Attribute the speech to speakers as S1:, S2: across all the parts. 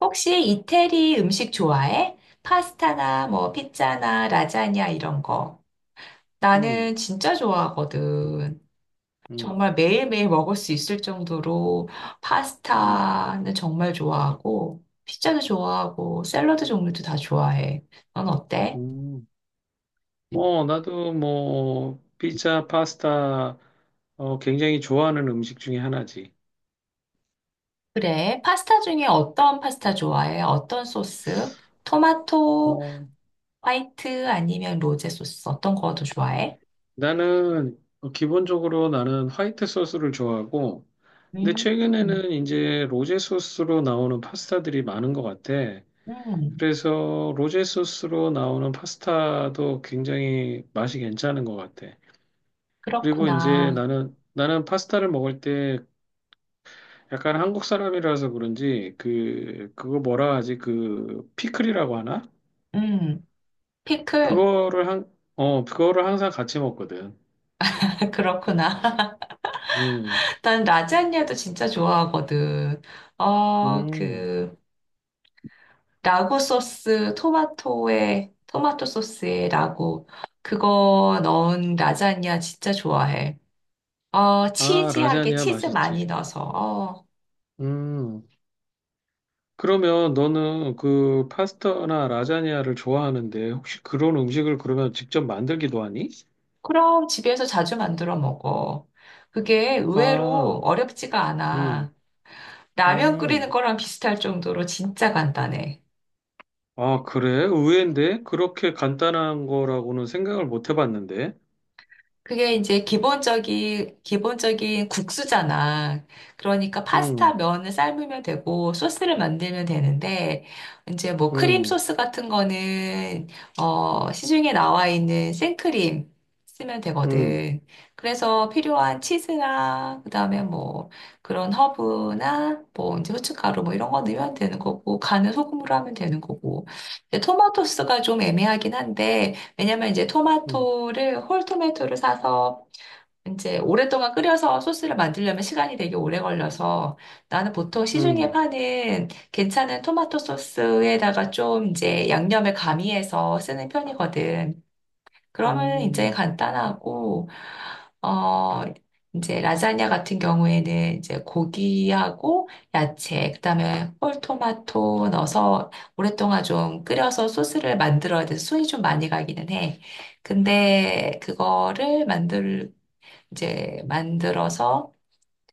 S1: 혹시 이태리 음식 좋아해? 파스타나 뭐 피자나 라자냐 이런 거. 나는
S2: 음,
S1: 진짜 좋아하거든.
S2: 음,
S1: 정말 매일매일 먹을 수 있을 정도로
S2: 음,
S1: 파스타는 정말 좋아하고 피자도 좋아하고 샐러드 종류도 다 좋아해. 넌 어때?
S2: 음. 어, 나도 뭐, 피자, 파스타, 굉장히 좋아하는 음식 중에 하나지.
S1: 그래. 파스타 중에 어떤 파스타 좋아해? 어떤 소스? 토마토,
S2: 어,
S1: 화이트 아니면 로제 소스 어떤 거 더 좋아해?
S2: 기본적으로 나는 화이트 소스를 좋아하고, 근데
S1: 음,
S2: 최근에는 이제 로제 소스로 나오는 파스타들이 많은 것 같아.
S1: 음,
S2: 그래서 로제 소스로 나오는 파스타도 굉장히 맛이 괜찮은 것 같아. 그리고 이제
S1: 그렇구나.
S2: 나는 파스타를 먹을 때 약간 한국 사람이라서 그런지 그거 뭐라 하지? 그 피클이라고 하나?
S1: 음. 피클?
S2: 그거를 항상 같이 먹거든.
S1: 그렇구나.
S2: 음.
S1: 난 라자냐도 진짜 좋아하거든. 어,
S2: 음.
S1: 그, 라구 소스, 토마토에, 토마토 소스에 라구. 그거 넣은 라자냐 진짜 좋아해. 어,
S2: 아,
S1: 치즈하게
S2: 라자냐
S1: 치즈
S2: 맛있지.
S1: 많이 넣어서. 어,
S2: 음. 그러면 너는 그 파스타나 라자냐를 좋아하는데 혹시 그런 음식을 그러면 직접 만들기도 하니?
S1: 그럼 집에서 자주 만들어 먹어. 그게 의외로
S2: 아,
S1: 어렵지가
S2: 음.
S1: 않아. 라면 끓이는
S2: 음.
S1: 거랑 비슷할 정도로 진짜 간단해.
S2: 아, 그래? 의외인데? 그렇게 간단한 거라고는 생각을 못 해봤는데.
S1: 그게 이제 기본적인 국수잖아. 그러니까 파스타
S2: 음.
S1: 면을 삶으면 되고, 소스를 만들면 되는데, 이제 뭐 크림
S2: 음.
S1: 소스 같은 거는, 시중에 나와 있는 생크림 쓰면
S2: 음.
S1: 되거든. 그래서 필요한 치즈나, 그 다음에 뭐 그런 허브나, 뭐 이제 후춧가루 뭐 이런 거 넣으면 되는 거고, 간은 소금으로 하면 되는 거고. 근데 토마토 소스가 좀 애매하긴 한데, 왜냐면 이제
S2: 음.
S1: 토마토를 홀 토마토를 사서 이제 오랫동안 끓여서 소스를 만들려면 시간이 되게 오래 걸려서 나는 보통 시중에
S2: 음,
S1: 파는 괜찮은 토마토 소스에다가 좀 이제 양념을 가미해서 쓰는 편이거든. 그러면 이제
S2: 음.
S1: 간단하고, 어, 이제 라자냐 같은 경우에는 이제 고기하고 야채, 그다음에 홀토마토 넣어서 오랫동안 좀 끓여서 소스를 만들어야 돼서 손이 좀 많이 가기는 해. 근데 이제 만들어서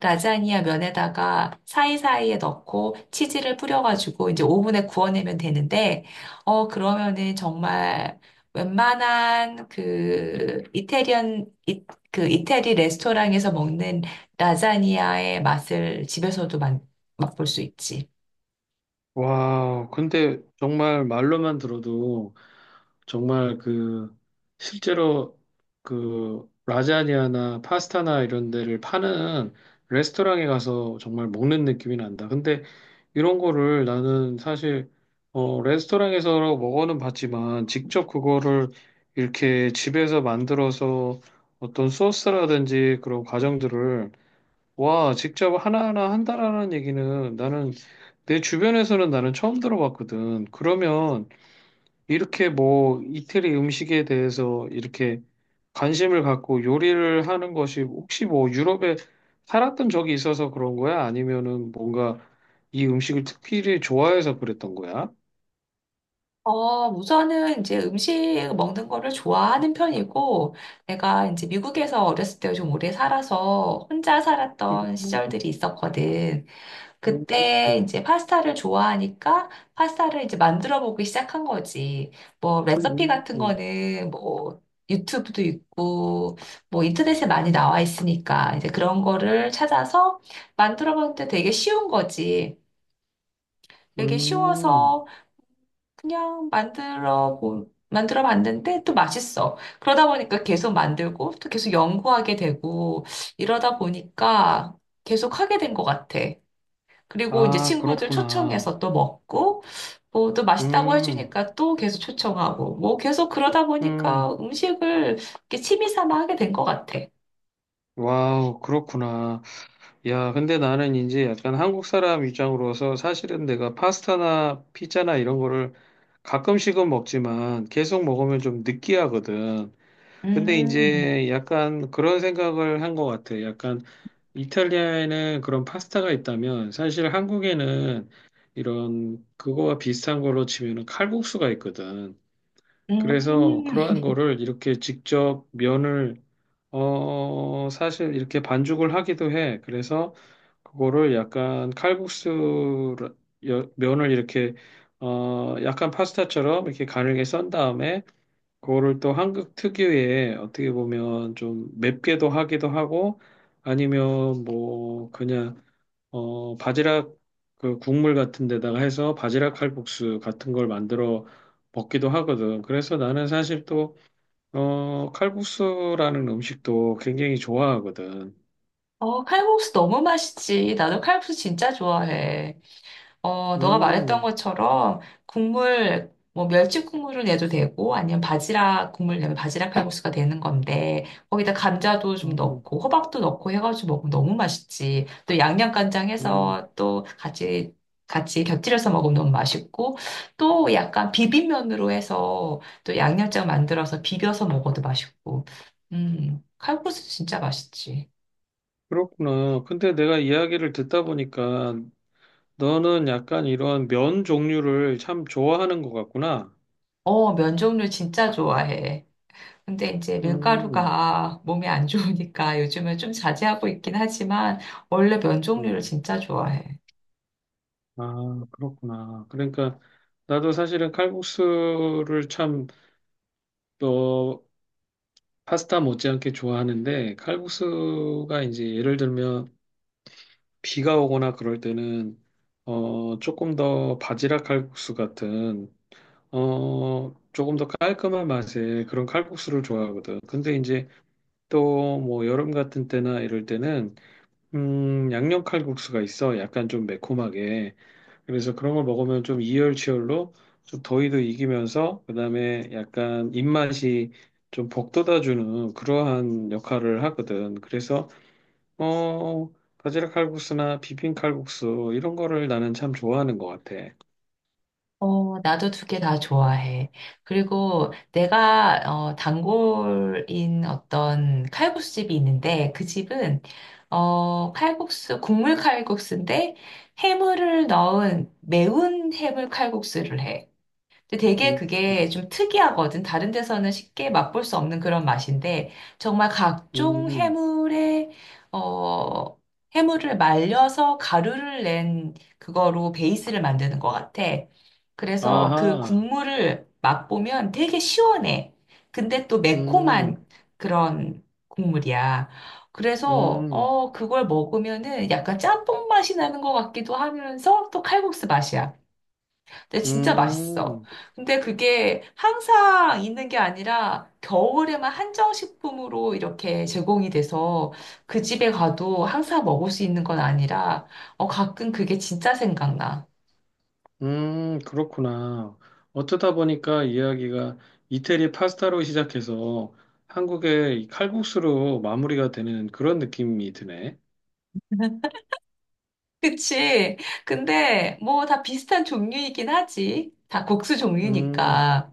S1: 라자니아 면에다가 사이사이에 넣고 치즈를 뿌려가지고 이제 오븐에 구워내면 되는데, 어, 그러면은 정말 웬만한 그 이태리 레스토랑에서 먹는 라자니아의 맛을 집에서도 맛볼 수 있지.
S2: 와, 근데 정말 말로만 들어도 정말 그 실제로 그 라자냐나 파스타나 이런 데를 파는 레스토랑에 가서 정말 먹는 느낌이 난다. 근데 이런 거를 나는 사실 레스토랑에서 먹어는 봤지만 직접 그거를 이렇게 집에서 만들어서 어떤 소스라든지 그런 과정들을 와, 직접 하나하나 한다라는 얘기는 나는 내 주변에서는 나는 처음 들어봤거든. 그러면 이렇게 뭐 이태리 음식에 대해서 이렇게 관심을 갖고 요리를 하는 것이 혹시 뭐 유럽에 살았던 적이 있어서 그런 거야? 아니면은 뭔가 이 음식을 특별히 좋아해서 그랬던 거야?
S1: 어, 우선은 이제 음식 먹는 거를 좋아하는 편이고, 내가 이제 미국에서 어렸을 때 좀 오래 살아서 혼자
S2: 음,
S1: 살았던 시절들이 있었거든. 그때
S2: 음,
S1: 이제 파스타를 좋아하니까 파스타를 이제 만들어 보기 시작한 거지. 뭐 레시피
S2: 음,
S1: 같은 거는 뭐 유튜브도 있고 뭐 인터넷에 많이 나와 있으니까 이제 그런 거를 찾아서 만들어 보는데 되게 쉬운 거지. 되게
S2: 음.
S1: 쉬워서 그냥 만들어 봤는데 또 맛있어. 그러다 보니까 계속 만들고 또 계속 연구하게 되고 이러다 보니까 계속 하게 된 것 같아. 그리고 이제
S2: 아,
S1: 친구들
S2: 그렇구나.
S1: 초청해서 또 먹고, 뭐 또 맛있다고
S2: 음,
S1: 해주니까 또 계속 초청하고, 뭐 계속 그러다
S2: 음,
S1: 보니까 음식을 이렇게 취미 삼아 하게 된 것 같아.
S2: 와우, 그렇구나. 야, 근데 나는 이제 약간 한국 사람 입장으로서 사실은 내가 파스타나 피자나 이런 거를 가끔씩은 먹지만 계속 먹으면 좀 느끼하거든. 근데
S1: 음.
S2: 이제 약간 그런 생각을 한 것 같아. 약간 이탈리아에는 그런 파스타가 있다면 사실 한국에는 이런 그거와 비슷한 걸로 치면은 칼국수가 있거든. 그래서
S1: 음,
S2: 그러한 거를 이렇게 직접 면을 사실 이렇게 반죽을 하기도 해. 그래서 그거를 약간 칼국수 면을 이렇게 약간 파스타처럼 이렇게 가늘게 썬 다음에 그거를 또 한국 특유의 어떻게 보면 좀 맵게도 하기도 하고 아니면 뭐 그냥 바지락 그 국물 같은 데다가 해서 바지락 칼국수 같은 걸 만들어 먹기도 하거든. 그래서 나는 사실 또 칼국수라는 음식도 굉장히 좋아하거든.
S1: 어, 칼국수 너무 맛있지. 나도 칼국수 진짜 좋아해. 어, 너가 말했던
S2: 음,
S1: 것처럼 국물, 뭐 멸치 국물을 내도 되고 아니면 바지락 국물 내면 바지락 칼국수가 되는 건데 거기다 감자도 좀
S2: 음,
S1: 넣고 호박도 넣고 해가지고 먹으면 너무 맛있지. 또 양념간장
S2: 음.
S1: 해서 또 같이 같이 곁들여서 먹으면 너무 맛있고 또 약간 비빔면으로 해서 또 양념장 만들어서 비벼서 먹어도 맛있고. 칼국수 진짜 맛있지.
S2: 그렇구나. 근데 내가 이야기를 듣다 보니까 너는 약간 이런 면 종류를 참 좋아하는 것 같구나.
S1: 어, 면 종류 진짜 좋아해. 근데 이제
S2: 음,
S1: 밀가루가 몸에 안 좋으니까 요즘은 좀 자제하고 있긴 하지만 원래 면 종류를
S2: 음.
S1: 진짜 좋아해.
S2: 아, 그렇구나. 그러니까 나도 사실은 칼국수를 참, 어, 파스타 못지않게 좋아하는데 칼국수가 이제 예를 들면 비가 오거나 그럴 때는 조금 더 바지락 칼국수 같은 조금 더 깔끔한 맛의 그런 칼국수를 좋아하거든. 근데 이제 또 뭐 여름 같은 때나 이럴 때는 양념 칼국수가 있어. 약간 좀 매콤하게. 그래서 그런 걸 먹으면 좀 이열치열로 좀 더위도 이기면서 그다음에 약간 입맛이 좀 복돋아주는 그러한 역할을 하거든. 그래서 어 바지락 칼국수나 비빔 칼국수 이런 거를 나는 참 좋아하는 것 같아.
S1: 어, 나도 두 개 다 좋아해. 그리고 내가 어, 단골인 어떤 칼국수 집이 있는데 그 집은 칼국수인데 해물을 넣은 매운 해물 칼국수를 해. 근데 되게
S2: 음, 음,
S1: 그게 좀 특이하거든. 다른 데서는 쉽게 맛볼 수 없는 그런 맛인데, 정말 각종
S2: 음.
S1: 해물에, 어, 해물을 말려서 가루를 낸 그거로 베이스를 만드는 것 같아. 그래서 그
S2: 아하,
S1: 국물을 맛보면 되게 시원해. 근데 또
S2: 음,
S1: 매콤한 그런 국물이야. 그래서,
S2: 음,
S1: 어, 그걸 먹으면은 약간 짬뽕 맛이 나는 것 같기도 하면서 또 칼국수 맛이야. 근데 진짜 맛있어.
S2: 음.
S1: 근데 그게 항상 있는 게 아니라 겨울에만 한정식품으로 이렇게 제공이 돼서 그 집에 가도 항상 먹을 수 있는 건 아니라 어, 가끔 그게 진짜 생각나.
S2: 그렇구나. 어쩌다 보니까 이야기가 이태리 파스타로 시작해서 한국의 이 칼국수로 마무리가 되는 그런 느낌이 드네.
S1: 그치? 근데 뭐 다 비슷한 종류이긴 하지. 다 국수
S2: 음,
S1: 종류니까.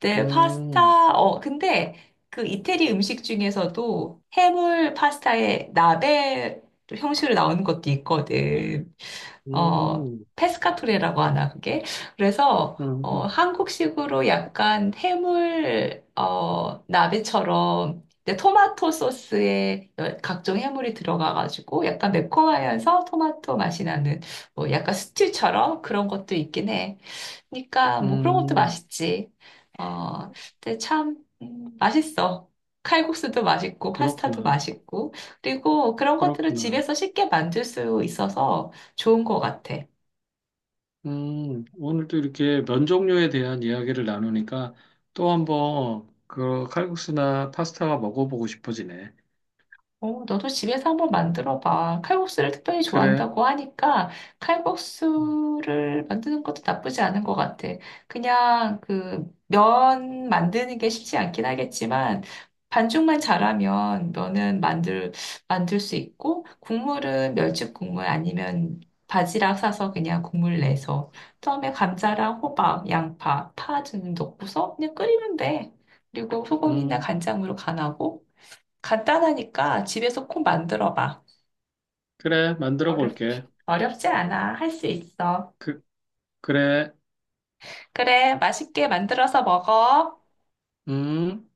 S1: 네,
S2: 음,
S1: 파스타. 어, 근데 그 이태리 음식 중에서도 해물 파스타에 나베 형식으로 나오는 것도 있거든. 어,
S2: 음,
S1: 페스카토레라고 하나, 그게. 그래서, 어,
S2: 음,
S1: 한국식으로 약간 해물, 어, 나베처럼, 근데 토마토 소스에 여- 각종 해물이 들어가가지고 약간 매콤하면서 토마토 맛이 나는, 뭐 약간 스튜처럼 그런 것도 있긴 해. 그러니까 뭐 그런 것도
S2: 음,
S1: 맛있지. 어, 근데 참 맛있어. 칼국수도 맛있고 파스타도
S2: 그렇구나.
S1: 맛있고 그리고 그런 것들을
S2: 그렇구나.
S1: 집에서 쉽게 만들 수 있어서 좋은 것 같아.
S2: 오늘도 이렇게 면 종류에 대한 이야기를 나누니까 또 한번 그 칼국수나 파스타가 먹어보고 싶어지네.
S1: 어, 너도 집에서 한번 만들어 봐. 칼국수를 특별히
S2: 그래.
S1: 좋아한다고 하니까 칼국수를 만드는 것도 나쁘지 않은 것 같아. 그냥 그 면 만드는 게 쉽지 않긴 하겠지만 반죽만 잘하면 만들 수 있고 국물은 멸치 국물 아니면 바지락 사서 그냥 국물 내서 처음에 감자랑 호박, 양파, 파좀 넣고서 그냥 끓이면 돼. 그리고 소금이나
S2: 음,
S1: 간장으로 간하고 간단하니까 집에서 꼭 만들어 봐.
S2: 그래. 만들어
S1: 어렵,
S2: 볼게.
S1: 어렵지 않아. 할 수 있어.
S2: 그, 그래.
S1: 그래, 맛있게 만들어서 먹어.
S2: 음.